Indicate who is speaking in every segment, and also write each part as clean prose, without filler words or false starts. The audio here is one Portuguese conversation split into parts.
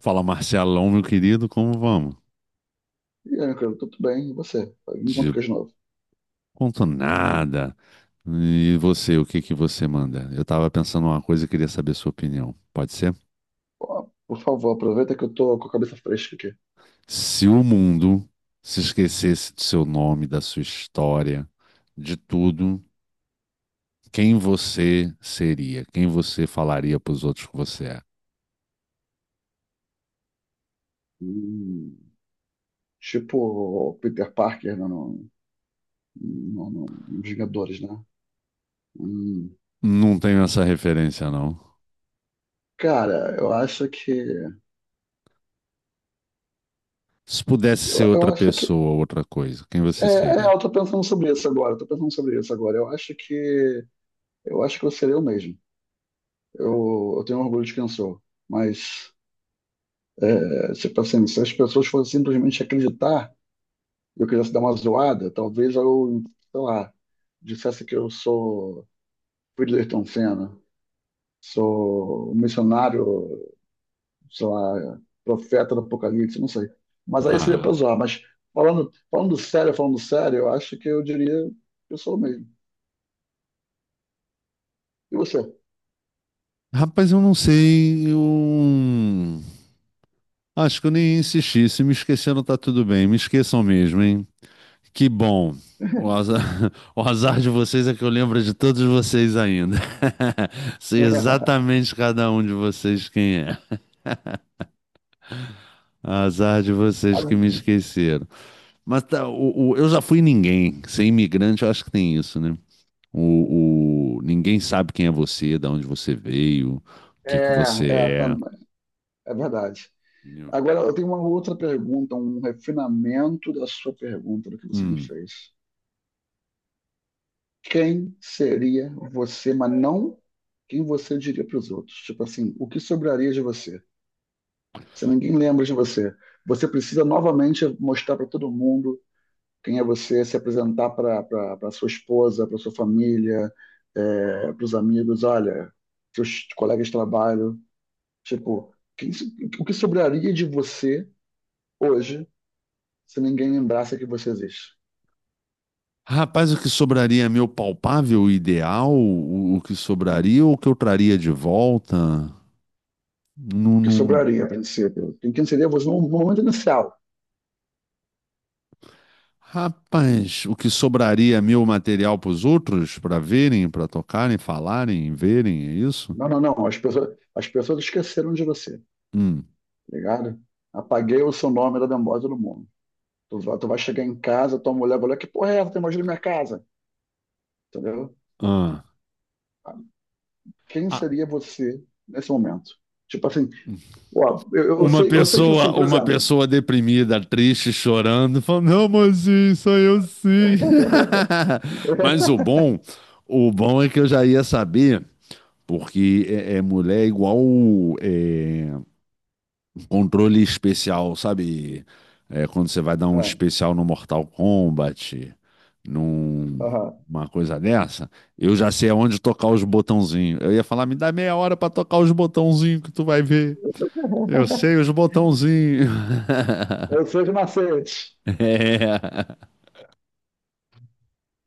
Speaker 1: Fala Marcelão, meu querido, como vamos?
Speaker 2: E aí, meu querido, tudo bem? E você? Me conta
Speaker 1: De
Speaker 2: o que é de novo.
Speaker 1: ponto nada. E você, o que que você manda? Eu tava pensando uma coisa e queria saber sua opinião. Pode ser?
Speaker 2: Ó, por favor, aproveita que eu tô com a cabeça fresca aqui.
Speaker 1: Se o mundo se esquecesse do seu nome, da sua história, de tudo, quem você seria? Quem você falaria pros outros que você é?
Speaker 2: Hum. Tipo o Peter Parker, né, no, nos Vingadores, né? hum.
Speaker 1: Não tenho essa referência, não.
Speaker 2: Cara, eu acho que.
Speaker 1: Se pudesse ser
Speaker 2: Eu
Speaker 1: outra
Speaker 2: acho que.
Speaker 1: pessoa, outra coisa, quem você
Speaker 2: É,
Speaker 1: seria?
Speaker 2: eu tô pensando sobre isso agora. Eu acho que. Eu acho que eu seria eu mesmo. Eu tenho orgulho de quem eu sou. Mas, tipo assim, se as pessoas fossem simplesmente acreditar. Eu quisesse dar uma zoada, talvez eu, sei lá, dissesse que eu sou Whittleston Senna, sou um missionário, sei lá, profeta do Apocalipse, não sei. Mas aí seria para
Speaker 1: Ah,
Speaker 2: zoar. Mas falando sério, eu acho que eu diria que eu sou o mesmo. E você?
Speaker 1: rapaz, eu não sei. Eu... acho que eu nem insisti. Se me esqueceram, tá tudo bem. Me esqueçam mesmo, hein? Que bom. O azar, o azar de vocês é que eu lembro de todos vocês ainda. Sei exatamente cada um de vocês quem é. Azar de vocês que me esqueceram. Mas tá, eu já fui ninguém. Ser imigrante, eu acho que tem isso, né? Ninguém sabe quem é você, de onde você veio, o que que
Speaker 2: É,
Speaker 1: você
Speaker 2: é,
Speaker 1: é.
Speaker 2: tam- é verdade. Agora, eu tenho uma outra pergunta, um refinamento da sua pergunta, do que você me
Speaker 1: Hum.
Speaker 2: fez. Quem seria você, mas não quem você diria para os outros. Tipo assim, o que sobraria de você? Se ninguém lembra de você, você precisa novamente mostrar para todo mundo quem é você, se apresentar para sua esposa, para sua família, para os amigos, olha, seus colegas de trabalho. Tipo, quem so- o que sobraria de você hoje se ninguém lembrasse que você existe?
Speaker 1: Rapaz, o que sobraria é meu palpável ideal? O que sobraria ou o que eu traria de volta? Não,
Speaker 2: O que
Speaker 1: não-
Speaker 2: sobraria, a princípio? Quem seria você no momento inicial?
Speaker 1: Rapaz, o que sobraria é meu material para os outros, para verem, para tocarem, falarem, verem, é isso?
Speaker 2: Não, não, não. As pessoas esqueceram de você, tá
Speaker 1: Hum.
Speaker 2: ligado? Apaguei o seu nome da memória do mundo. Tu vai chegar em casa, tua mulher vai olhar, que porra é essa? Tem mais na minha casa, entendeu?
Speaker 1: Ah.
Speaker 2: Quem
Speaker 1: Ah,
Speaker 2: seria você nesse momento? Tipo assim, ó,
Speaker 1: uma
Speaker 2: eu sei que assim,
Speaker 1: pessoa,
Speaker 2: por
Speaker 1: uma
Speaker 2: exemplo.
Speaker 1: pessoa deprimida, triste, chorando, falando, não, mozinho, sou eu sim. Mas o bom é que eu já ia saber. Porque é, é mulher é igual é, controle especial, sabe? É, quando você vai dar um
Speaker 2: Ah,
Speaker 1: especial no Mortal Kombat,
Speaker 2: aham.
Speaker 1: numa coisa dessa, eu já sei aonde tocar os botãozinhos. Eu ia falar, me dá 30 minutos pra tocar os botãozinhos que tu vai ver. Eu sei os botãozinhos.
Speaker 2: Eu sou de macete.
Speaker 1: É,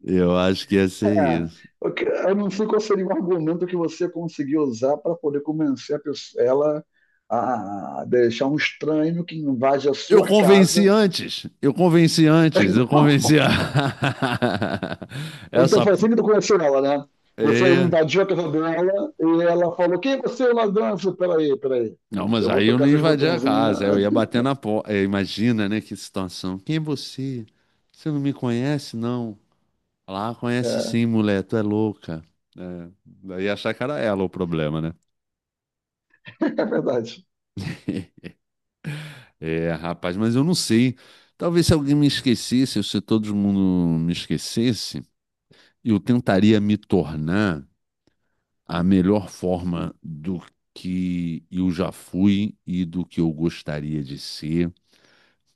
Speaker 1: eu acho que ia ser
Speaker 2: É,
Speaker 1: isso.
Speaker 2: eu não sei qual seria o argumento que você conseguiu usar para poder convencer a pessoa, ela a deixar um estranho que invade a sua casa.
Speaker 1: Eu convenci a...
Speaker 2: Então
Speaker 1: essa.
Speaker 2: foi assim que tu conheceu ela, né? Você
Speaker 1: É.
Speaker 2: invadiu a casa dela e ela falou: quem é você, ladrão? Eu falei, peraí, peraí.
Speaker 1: Não, mas
Speaker 2: Eu vou
Speaker 1: aí eu não
Speaker 2: tocar seus
Speaker 1: invadia a
Speaker 2: botãozinhos.
Speaker 1: casa, eu ia bater na porta. Imagina, né, que situação. Quem é você? Você não me conhece, não? Lá, conhece
Speaker 2: É,
Speaker 1: sim, mulher, tu é louca. É, daí ia achar que era ela o problema, né?
Speaker 2: é verdade.
Speaker 1: É, rapaz, mas eu não sei. Talvez se alguém me esquecesse, ou se todo mundo me esquecesse, eu tentaria me tornar a melhor forma do que eu já fui e do que eu gostaria de ser,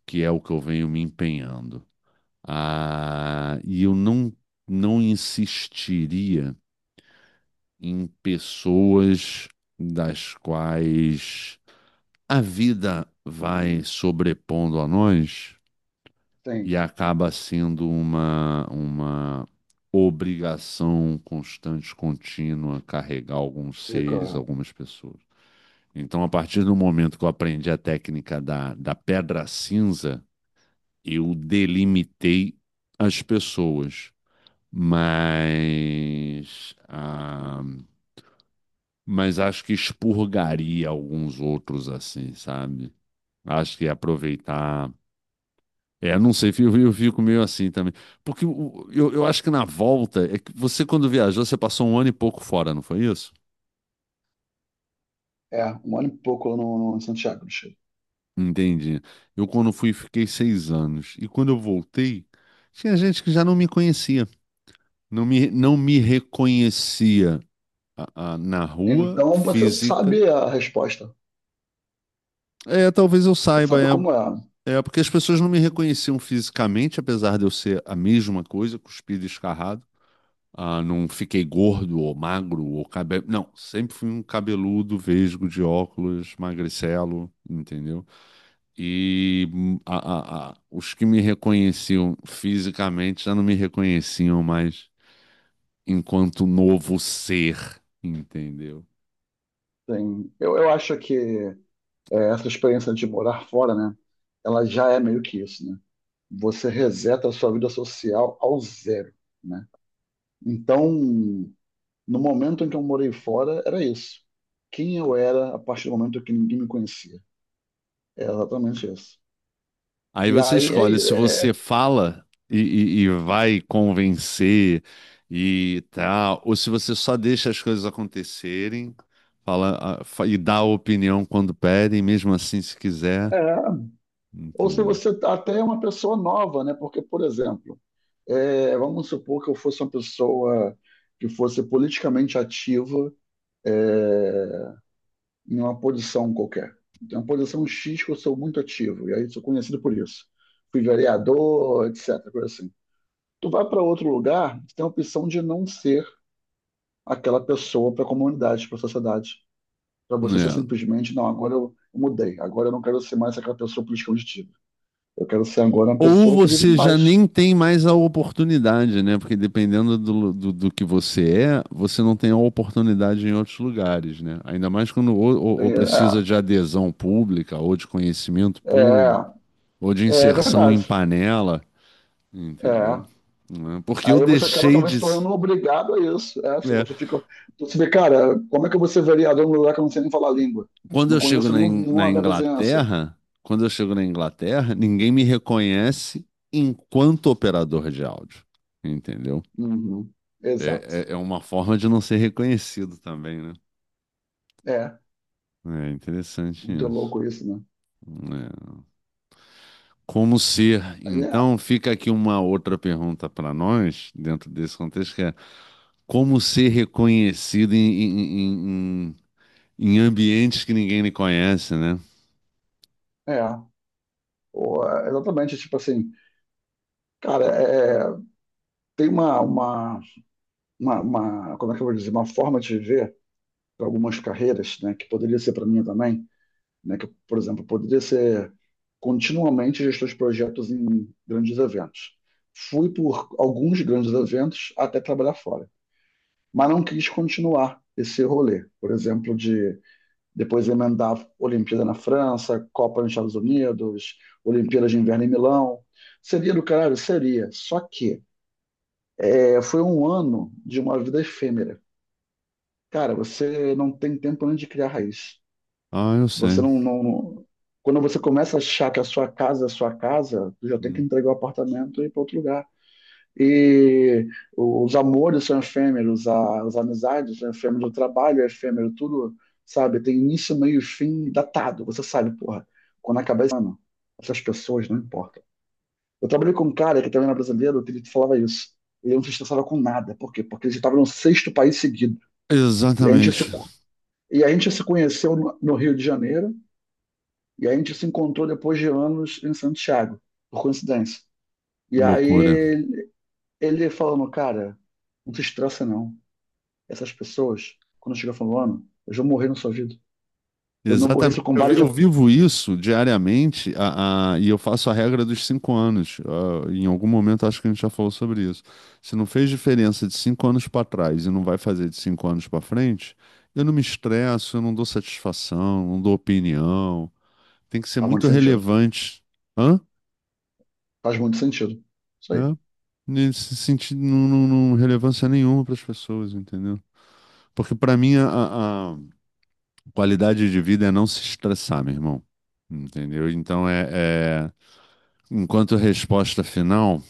Speaker 1: que é o que eu venho me empenhando. Ah, e eu não, não insistiria em pessoas das quais a vida vai sobrepondo a nós
Speaker 2: Tem.
Speaker 1: e acaba sendo uma obrigação constante, contínua, carregar alguns
Speaker 2: Sei qual
Speaker 1: seres,
Speaker 2: é.
Speaker 1: algumas pessoas. Então, a partir do momento que eu aprendi a técnica da pedra cinza, eu delimitei as pessoas. Mas ah, mas acho que expurgaria alguns outros assim, sabe? Acho que ia aproveitar. É, não sei, eu fico meio assim também. Porque o- eu acho que na volta, é que você quando viajou, você passou um ano e pouco fora, não foi isso?
Speaker 2: É, um ano e pouco lá no Santiago do Chile.
Speaker 1: Entendi. Eu quando fui, fiquei 6 anos. E quando eu voltei, tinha gente que já não me conhecia. Não me reconhecia ah, ah, na rua,
Speaker 2: Então você
Speaker 1: física.
Speaker 2: sabe a resposta.
Speaker 1: É, talvez eu
Speaker 2: Você
Speaker 1: saiba,
Speaker 2: sabe
Speaker 1: é.
Speaker 2: como é.
Speaker 1: É, porque as pessoas não me reconheciam fisicamente, apesar de eu ser a mesma coisa, cuspido e escarrado. Ah, não fiquei gordo ou magro ou cabelo. Não, sempre fui um cabeludo, vesgo, de óculos, magricelo, entendeu? E os que me reconheciam fisicamente já não me reconheciam mais enquanto novo ser, entendeu?
Speaker 2: Tem, eu acho que essa experiência de morar fora, né? Ela já é meio que isso, né? Você reseta a sua vida social ao zero, né? Então, no momento em que eu morei fora, era isso. Quem eu era a partir do momento que ninguém me conhecia. É exatamente isso.
Speaker 1: Aí
Speaker 2: E
Speaker 1: você
Speaker 2: aí é,
Speaker 1: escolhe se
Speaker 2: é-
Speaker 1: você fala e vai convencer e tal, ou se você só deixa as coisas acontecerem, fala ah, fa- e dá a opinião quando pedem, mesmo assim se quiser,
Speaker 2: é. Ou se
Speaker 1: entendeu?
Speaker 2: você até é uma pessoa nova, né? Porque, por exemplo, vamos supor que eu fosse uma pessoa que fosse politicamente ativa, é, em uma posição qualquer. Tem uma posição X que eu sou muito ativo, e aí sou conhecido por isso. Fui vereador, etc. Coisa assim. Tu vai para outro lugar, tu tem a opção de não ser aquela pessoa para a comunidade, para a sociedade. Para você ser
Speaker 1: É.
Speaker 2: simplesmente, não, agora eu mudei, agora eu não quero ser mais aquela pessoa política ativa. Eu quero ser agora uma
Speaker 1: Ou
Speaker 2: pessoa que vive em
Speaker 1: você já
Speaker 2: paz.
Speaker 1: nem tem mais a oportunidade, né? Porque dependendo do que você é, você não tem a oportunidade em outros lugares, né? Ainda mais quando ou precisa de adesão pública ou de conhecimento
Speaker 2: É,
Speaker 1: público, ou de
Speaker 2: é, é
Speaker 1: inserção em
Speaker 2: verdade.
Speaker 1: panela, entendeu?
Speaker 2: É.
Speaker 1: Né? Porque eu
Speaker 2: Aí você acaba
Speaker 1: deixei
Speaker 2: talvez se
Speaker 1: de.
Speaker 2: tornando obrigado a isso. É, você
Speaker 1: É,
Speaker 2: você fica, você vê, cara, como é que eu vou ser vereador num lugar que eu não sei nem falar a língua?
Speaker 1: quando
Speaker 2: Não
Speaker 1: eu chego
Speaker 2: conheço
Speaker 1: na,
Speaker 2: nenhum,
Speaker 1: In- na
Speaker 2: nenhuma da vizinhança.
Speaker 1: Inglaterra, quando eu chego na Inglaterra, ninguém me reconhece enquanto operador de áudio, entendeu?
Speaker 2: Uhum. Exato.
Speaker 1: É uma forma de não ser reconhecido também, né?
Speaker 2: É,
Speaker 1: É interessante
Speaker 2: muito
Speaker 1: isso.
Speaker 2: louco isso, né?
Speaker 1: Né? Como ser? Então, fica aqui uma outra pergunta para nós, dentro desse contexto, que é como ser reconhecido em- em ambientes que ninguém lhe conhece, né?
Speaker 2: É, é. Pô, exatamente, tipo assim, cara, tem uma, como é que eu vou dizer, uma forma de viver para algumas carreiras, né, que poderia ser para mim também, né, que, por exemplo, poderia ser continuamente gestor de projetos em grandes eventos. Fui por alguns grandes eventos até trabalhar fora, mas não quis continuar esse rolê, por exemplo, de depois emendar Olimpíada na França, Copa nos Estados Unidos, Olimpíadas de Inverno em Milão. Seria do caralho? Seria. Só que foi um ano de uma vida efêmera. Cara, você não tem tempo nem de criar raiz.
Speaker 1: Ah, eu
Speaker 2: Você
Speaker 1: sei.
Speaker 2: não, não- Quando você começa a achar que a sua casa é a sua casa, tu já tem que
Speaker 1: Hum.
Speaker 2: entregar o apartamento e ir para outro lugar. E os amores são efêmeros, a- as amizades são efêmeras, o trabalho é efêmero, tudo, sabe? Tem início, meio e fim datado. Você sabe, porra, quando acabar esse ano, essas pessoas não importam. Eu trabalhei com um cara que também era brasileiro, que ele falava isso. Ele não se estressava com nada. Por quê? Porque ele estava no sexto país seguido. E a gente se
Speaker 1: Exatamente.
Speaker 2: e a gente se conheceu no Rio de Janeiro e a gente se encontrou depois de anos em Santiago, por coincidência.
Speaker 1: Que
Speaker 2: E aí
Speaker 1: loucura.
Speaker 2: ele falando, cara, não se estressa não. Essas pessoas, quando chega falando ano, eu já morri no sua vida. Eu me
Speaker 1: Exatamente.
Speaker 2: aborreço com
Speaker 1: Eu, vi-
Speaker 2: vários... já
Speaker 1: eu vivo isso diariamente a- e eu faço a regra dos 5 anos. Ah, em algum momento acho que a gente já falou sobre isso. Se não fez diferença de 5 anos para trás e não vai fazer de 5 anos para frente, eu não me estresso, eu não dou satisfação, não dou opinião. Tem que ser
Speaker 2: faz muito
Speaker 1: muito
Speaker 2: sentido.
Speaker 1: relevante. Hã?
Speaker 2: Faz muito sentido. Isso
Speaker 1: É.
Speaker 2: aí.
Speaker 1: Nesse sentido, não relevância nenhuma para as pessoas, entendeu? Porque para mim a qualidade de vida é não se estressar, meu irmão. Entendeu? Então é, é- enquanto resposta final,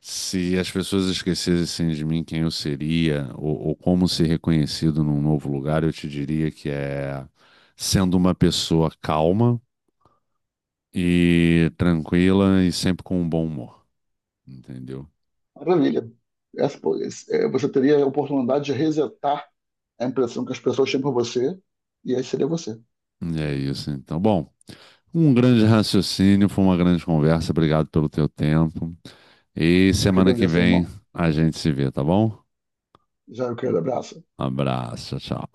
Speaker 1: se as pessoas esquecessem de mim quem eu seria ou como ser reconhecido num novo lugar, eu te diria que é sendo uma pessoa calma e tranquila e sempre com um bom humor. Entendeu?
Speaker 2: Maravilha. É, você teria a oportunidade de resetar a impressão que as pessoas têm por você e aí seria você.
Speaker 1: E é isso, então. Bom, um grande raciocínio, foi uma grande conversa. Obrigado pelo teu tempo. E
Speaker 2: Eu que
Speaker 1: semana que
Speaker 2: agradeço,
Speaker 1: vem
Speaker 2: irmão.
Speaker 1: a gente se vê, tá bom?
Speaker 2: Já eu quero abraço.
Speaker 1: Abraço, tchau.